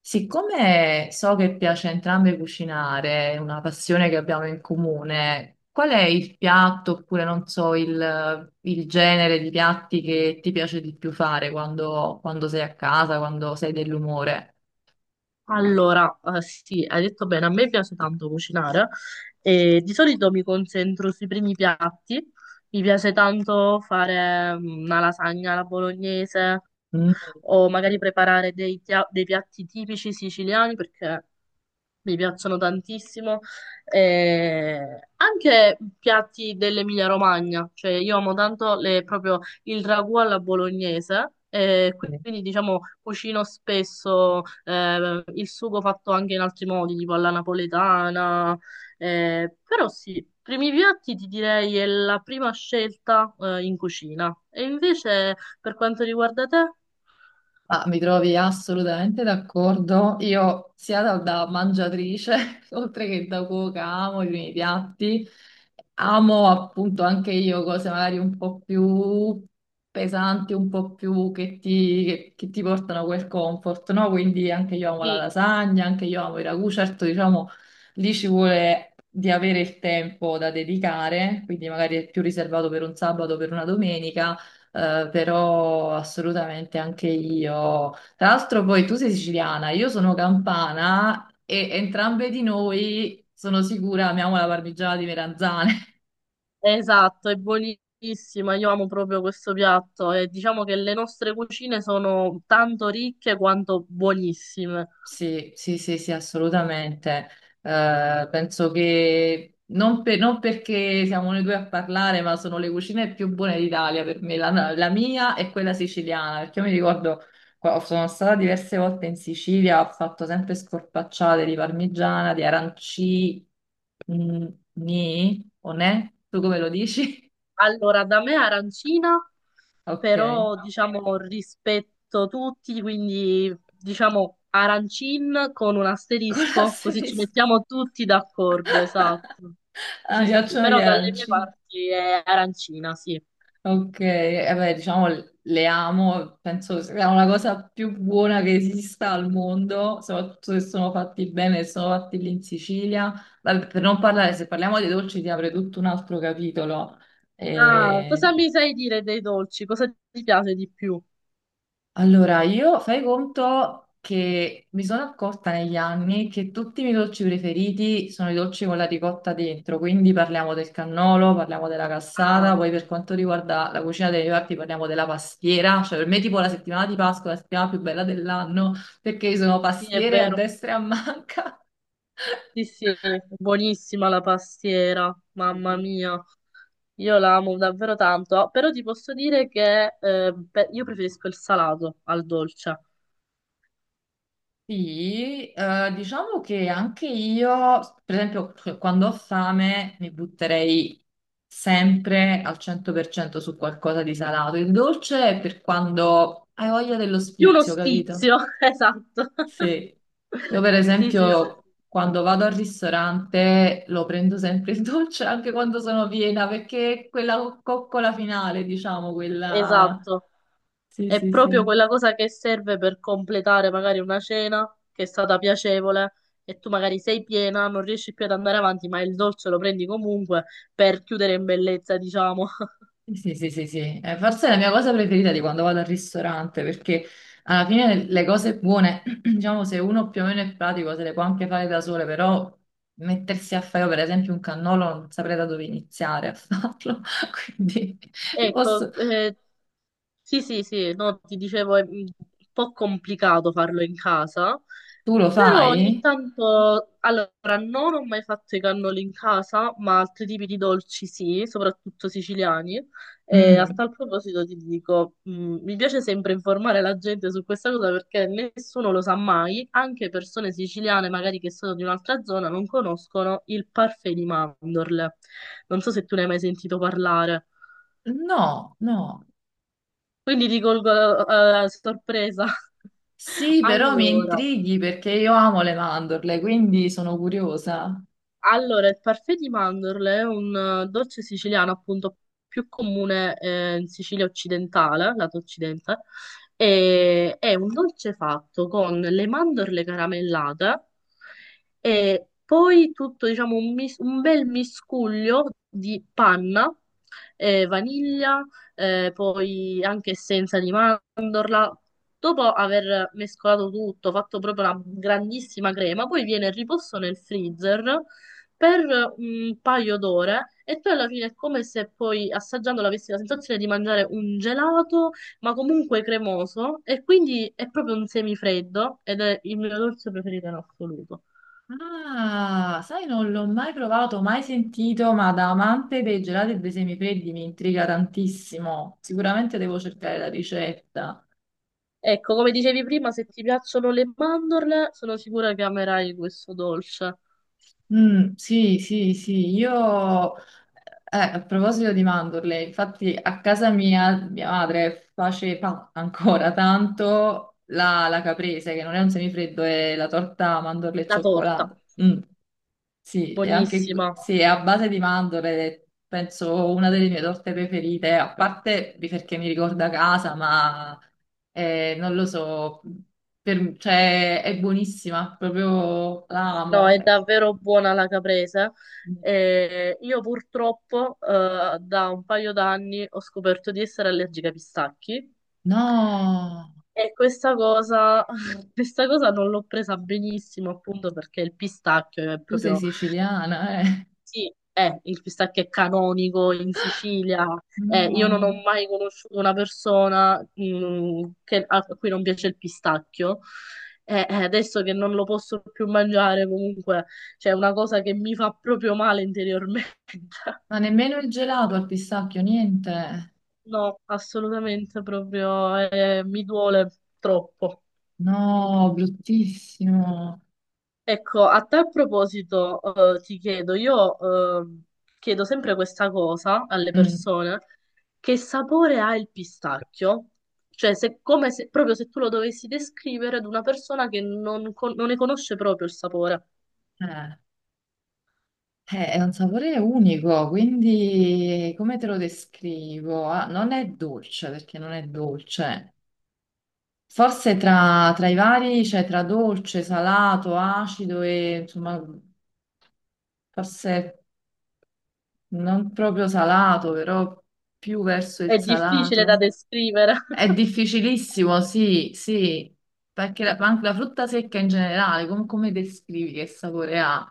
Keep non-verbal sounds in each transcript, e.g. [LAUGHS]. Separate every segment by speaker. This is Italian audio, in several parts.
Speaker 1: Siccome so che piace a entrambe cucinare, è una passione che abbiamo in comune, qual è il piatto oppure non so il genere di piatti che ti piace di più fare quando, quando sei a casa, quando sei dell'umore?
Speaker 2: Allora, sì, hai detto bene, a me piace tanto cucinare e di solito mi concentro sui primi piatti, mi piace tanto fare una lasagna alla bolognese
Speaker 1: Mm.
Speaker 2: o magari preparare dei piatti tipici siciliani perché mi piacciono tantissimo. Anche piatti dell'Emilia-Romagna, cioè io amo tanto proprio il ragù alla bolognese. Quindi diciamo cucino spesso, il sugo fatto anche in altri modi, tipo alla napoletana, però sì, primi piatti ti direi è la prima scelta, in cucina. E invece per quanto riguarda te?
Speaker 1: Ah, mi trovi assolutamente d'accordo. Io sia da mangiatrice, [LAUGHS] oltre che da cuoca, amo i miei piatti. Amo appunto anche io cose magari un po' più pesanti, un po' più che ti portano quel comfort, no? Quindi anche io amo la lasagna, anche io amo i ragù. Certo, diciamo, lì ci vuole di avere il tempo da dedicare, quindi magari è più riservato per un sabato o per una domenica però assolutamente anche io. Tra l'altro, poi tu sei siciliana, io sono campana e entrambe di noi sono sicura amiamo la parmigiana di meranzane. [LAUGHS]
Speaker 2: Esatto, è buonissima, io amo proprio questo piatto e diciamo che le nostre cucine sono tanto ricche quanto buonissime.
Speaker 1: Sì, sì, sì, sì, assolutamente. Penso che non perché siamo noi due a parlare, ma sono le cucine più buone d'Italia per me, la mia e quella siciliana, perché io mi ricordo. Sono stata diverse volte in Sicilia, ho fatto sempre scorpacciate di parmigiana, di aranci. Mm. Ni o ne? Tu come lo dici?
Speaker 2: Allora, da me arancina,
Speaker 1: [LAUGHS] Ok,
Speaker 2: però diciamo rispetto tutti, quindi diciamo arancin con un
Speaker 1: con
Speaker 2: asterisco, così ci
Speaker 1: l'asterisco.
Speaker 2: mettiamo tutti d'accordo,
Speaker 1: [LAUGHS]
Speaker 2: esatto.
Speaker 1: Ah, mi
Speaker 2: Sì, sì,
Speaker 1: piacciono gli
Speaker 2: però dalle mie
Speaker 1: arancini.
Speaker 2: parti è arancina, sì.
Speaker 1: Ok, eh beh, diciamo le amo, penso sia una cosa più buona che esista al mondo, soprattutto se sono fatti bene, se sono fatti lì in Sicilia. Vabbè, per non parlare, se parliamo di dolci ti apre tutto un altro capitolo.
Speaker 2: Ah, cosa mi sai dire dei dolci? Cosa ti piace di più?
Speaker 1: Allora, io fai conto che mi sono accorta negli anni che tutti i miei dolci preferiti sono i dolci con la ricotta dentro, quindi parliamo del cannolo, parliamo della cassata,
Speaker 2: Ah,
Speaker 1: poi per quanto riguarda la cucina dei reparti parliamo della pastiera, cioè per me tipo la settimana di Pasqua è la settimana più bella dell'anno perché ci sono
Speaker 2: sì, è
Speaker 1: pastiere a
Speaker 2: vero.
Speaker 1: destra e a manca.
Speaker 2: Sì, sì, buonissima la pastiera, mamma
Speaker 1: [LAUGHS]
Speaker 2: mia, io la amo davvero tanto. Ah, però ti posso dire che, io preferisco il salato al dolce,
Speaker 1: Sì, diciamo che anche io, per esempio, cioè, quando ho fame mi butterei sempre al 100% su qualcosa di salato. Il dolce è per quando hai voglia dello
Speaker 2: più uno
Speaker 1: spizio, capito?
Speaker 2: sfizio, [LAUGHS] esatto,
Speaker 1: Sì. Io per
Speaker 2: [LAUGHS] sì, sì, sì,
Speaker 1: esempio quando vado al ristorante lo prendo sempre il dolce anche quando sono piena, perché è quella coccola finale, diciamo, quella...
Speaker 2: esatto,
Speaker 1: Sì,
Speaker 2: è
Speaker 1: sì,
Speaker 2: proprio
Speaker 1: sì.
Speaker 2: quella cosa che serve per completare magari una cena che è stata piacevole e tu magari sei piena, non riesci più ad andare avanti, ma il dolce lo prendi comunque per chiudere in bellezza, diciamo.
Speaker 1: Sì, sì, sì, sì. Forse è la mia cosa preferita di quando vado al ristorante, perché alla fine le cose buone, [CLEARS THROAT] diciamo, se uno più o meno è pratico, se le può anche fare da sole, però mettersi a fare, io, per esempio, un cannolo, non saprei da dove iniziare a farlo. [LAUGHS] Quindi,
Speaker 2: Ecco,
Speaker 1: posso-
Speaker 2: sì, sì, sì, no, ti dicevo è un po' complicato farlo in casa,
Speaker 1: tu lo
Speaker 2: però
Speaker 1: fai?
Speaker 2: ogni tanto, allora, non ho mai fatto i cannoli in casa, ma altri tipi di dolci sì, soprattutto siciliani. E a
Speaker 1: Mm.
Speaker 2: tal proposito ti dico, mi piace sempre informare la gente su questa cosa perché nessuno lo sa mai, anche persone siciliane magari che sono di un'altra zona non conoscono il parfait di mandorle. Non so se tu ne hai mai sentito parlare.
Speaker 1: No, no.
Speaker 2: Quindi ti colgo a sorpresa. [LAUGHS]
Speaker 1: Sì, però mi
Speaker 2: Allora,
Speaker 1: intrighi perché io amo le mandorle, quindi sono curiosa.
Speaker 2: Il parfait di mandorle è un dolce siciliano appunto più comune, in Sicilia occidentale, lato occidente, e è un dolce fatto con le mandorle caramellate e poi tutto, diciamo, un bel miscuglio di panna, vaniglia, poi anche essenza di mandorla. Dopo aver mescolato tutto, fatto proprio una grandissima crema, poi viene riposto nel freezer per un paio d'ore e poi alla fine è come se poi assaggiandolo avessi la sensazione di mangiare un gelato, ma comunque cremoso e quindi è proprio un semifreddo ed è il mio dolce preferito in assoluto.
Speaker 1: Ah, sai, non l'ho mai provato, mai sentito, ma da amante dei gelati e dei semifreddi mi intriga tantissimo. Sicuramente devo cercare la ricetta.
Speaker 2: Ecco, come dicevi prima, se ti piacciono le mandorle, sono sicura che amerai questo dolce.
Speaker 1: Mm, sì, sì, sì, io... a proposito di mandorle, infatti a casa mia, mia madre faceva ancora tanto la caprese, che non è un semifreddo, è la torta mandorle e
Speaker 2: La torta,
Speaker 1: cioccolato. Mm. Sì, e anche
Speaker 2: buonissima.
Speaker 1: sì, è a base di mandorle, penso una delle mie torte preferite, a parte di perché mi ricorda casa, ma non lo so, cioè, è buonissima, proprio la
Speaker 2: No,
Speaker 1: amo.
Speaker 2: è davvero buona la caprese. E io purtroppo, da un paio d'anni ho scoperto di essere allergica ai pistacchi.
Speaker 1: No,
Speaker 2: E questa cosa, [LAUGHS] questa cosa non l'ho presa benissimo, appunto perché il pistacchio è
Speaker 1: tu sei
Speaker 2: proprio,
Speaker 1: siciliana, eh?
Speaker 2: sì, è, il pistacchio è canonico in Sicilia. Io non ho
Speaker 1: No,
Speaker 2: mai conosciuto una persona, a cui non piace il pistacchio. Adesso che non lo posso più mangiare, comunque, c'è una cosa che mi fa proprio male interiormente. [LAUGHS]
Speaker 1: ma nemmeno il gelato al pistacchio, niente.
Speaker 2: No, assolutamente proprio, mi duole troppo.
Speaker 1: No, bruttissimo.
Speaker 2: Ecco, a tal proposito, ti chiedo, io ehm, chiedo sempre questa cosa alle
Speaker 1: Mm,
Speaker 2: persone, che sapore ha il pistacchio? Cioè, se, come se, proprio se tu lo dovessi descrivere ad una persona che non ne conosce proprio il sapore.
Speaker 1: eh. È un sapore unico, quindi come te lo descrivo? Ah, non è dolce perché non è dolce. Forse tra i vari, cioè tra dolce, salato, acido e insomma, forse non proprio salato, però più verso il
Speaker 2: È difficile da
Speaker 1: salato.
Speaker 2: descrivere.
Speaker 1: È
Speaker 2: [LAUGHS]
Speaker 1: difficilissimo, sì, sì, perché ma anche la frutta secca in generale, come descrivi che sapore ha?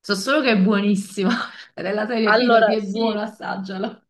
Speaker 1: So solo che è buonissima, [LAUGHS] della serie fidati,
Speaker 2: Allora,
Speaker 1: è
Speaker 2: sì,
Speaker 1: buono, assaggialo.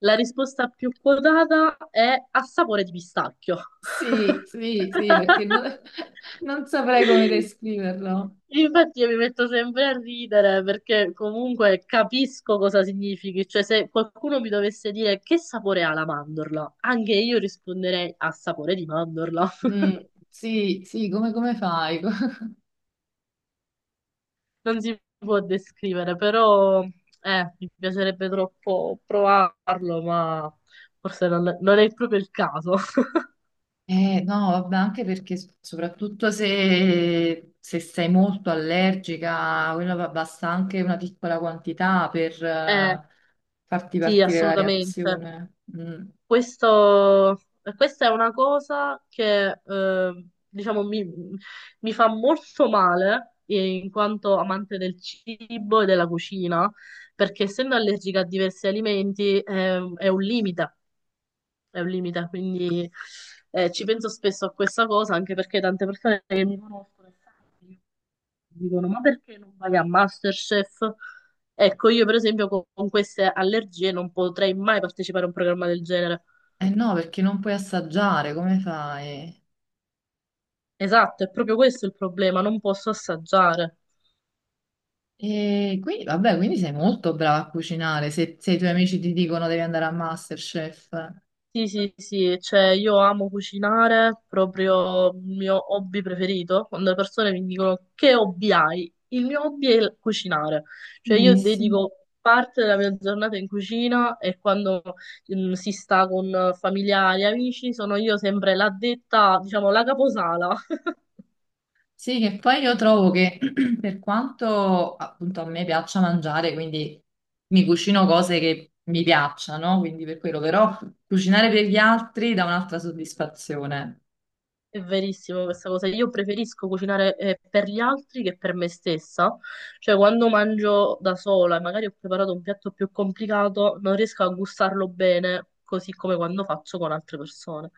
Speaker 2: la risposta più quotata è a sapore di pistacchio.
Speaker 1: Sì, sì, sì, perché non, [LAUGHS] non saprei come
Speaker 2: [LAUGHS]
Speaker 1: descriverlo.
Speaker 2: Infatti io mi metto sempre a ridere perché comunque capisco cosa significhi, cioè se qualcuno mi dovesse dire che sapore ha la mandorla, anche io risponderei a sapore di mandorla. [LAUGHS]
Speaker 1: Mm, sì, sì, come, come fai? [LAUGHS]
Speaker 2: Non si può descrivere, però mi piacerebbe troppo provarlo, ma forse non è proprio il caso. [LAUGHS]
Speaker 1: No, vabbè, anche perché soprattutto se, se sei molto allergica, quello basta anche una piccola quantità per
Speaker 2: Eh,
Speaker 1: farti
Speaker 2: sì,
Speaker 1: partire la
Speaker 2: assolutamente.
Speaker 1: reazione. Mm.
Speaker 2: Questo, Questa è una cosa che, diciamo, mi fa molto male, in quanto amante del cibo e della cucina, perché essendo allergica a diversi alimenti, è un limite, quindi ci penso spesso a questa cosa, anche perché tante persone che mi conoscono e sanno che io dicono, ma perché non vai a MasterChef? Ecco, io per esempio con queste allergie non potrei mai partecipare a un programma del genere.
Speaker 1: Eh no, perché non puoi assaggiare, come fai?
Speaker 2: Esatto, è proprio questo il problema, non posso assaggiare.
Speaker 1: E quindi, vabbè, quindi sei molto brava a cucinare. Se, se i tuoi amici ti dicono devi andare a MasterChef.
Speaker 2: Sì, sì, sì, cioè io amo cucinare, proprio il mio hobby preferito. Quando le persone mi dicono che hobby hai, il mio hobby è il cucinare. Cioè io
Speaker 1: Bellissimo.
Speaker 2: dedico parte della mia giornata in cucina e quando si sta con familiari, amici, sono io sempre l'addetta, diciamo, la caposala.
Speaker 1: Sì, che poi io trovo che [CLEARS THROAT] per quanto appunto a me piaccia mangiare, quindi mi cucino cose che mi piacciono, quindi per quello, però cucinare per gli altri dà un'altra soddisfazione.
Speaker 2: È verissimo questa cosa. Io preferisco cucinare, per gli altri che per me stessa. Cioè, quando mangio da sola e magari ho preparato un piatto più complicato, non riesco a gustarlo bene, così come quando faccio con altre persone.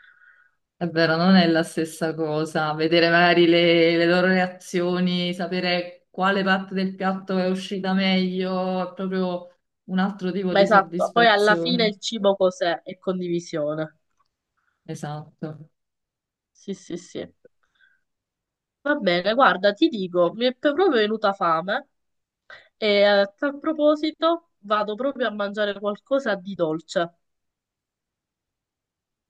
Speaker 1: È vero, non è la stessa cosa. Vedere magari le loro reazioni, sapere quale parte del piatto è uscita meglio, è proprio un altro tipo
Speaker 2: Ma
Speaker 1: di
Speaker 2: esatto, poi alla fine
Speaker 1: soddisfazione.
Speaker 2: il cibo cos'è? È condivisione.
Speaker 1: Esatto.
Speaker 2: Sì, sì, sì. Va bene, guarda, ti dico, mi è proprio venuta fame e a tal proposito vado proprio a mangiare qualcosa di dolce.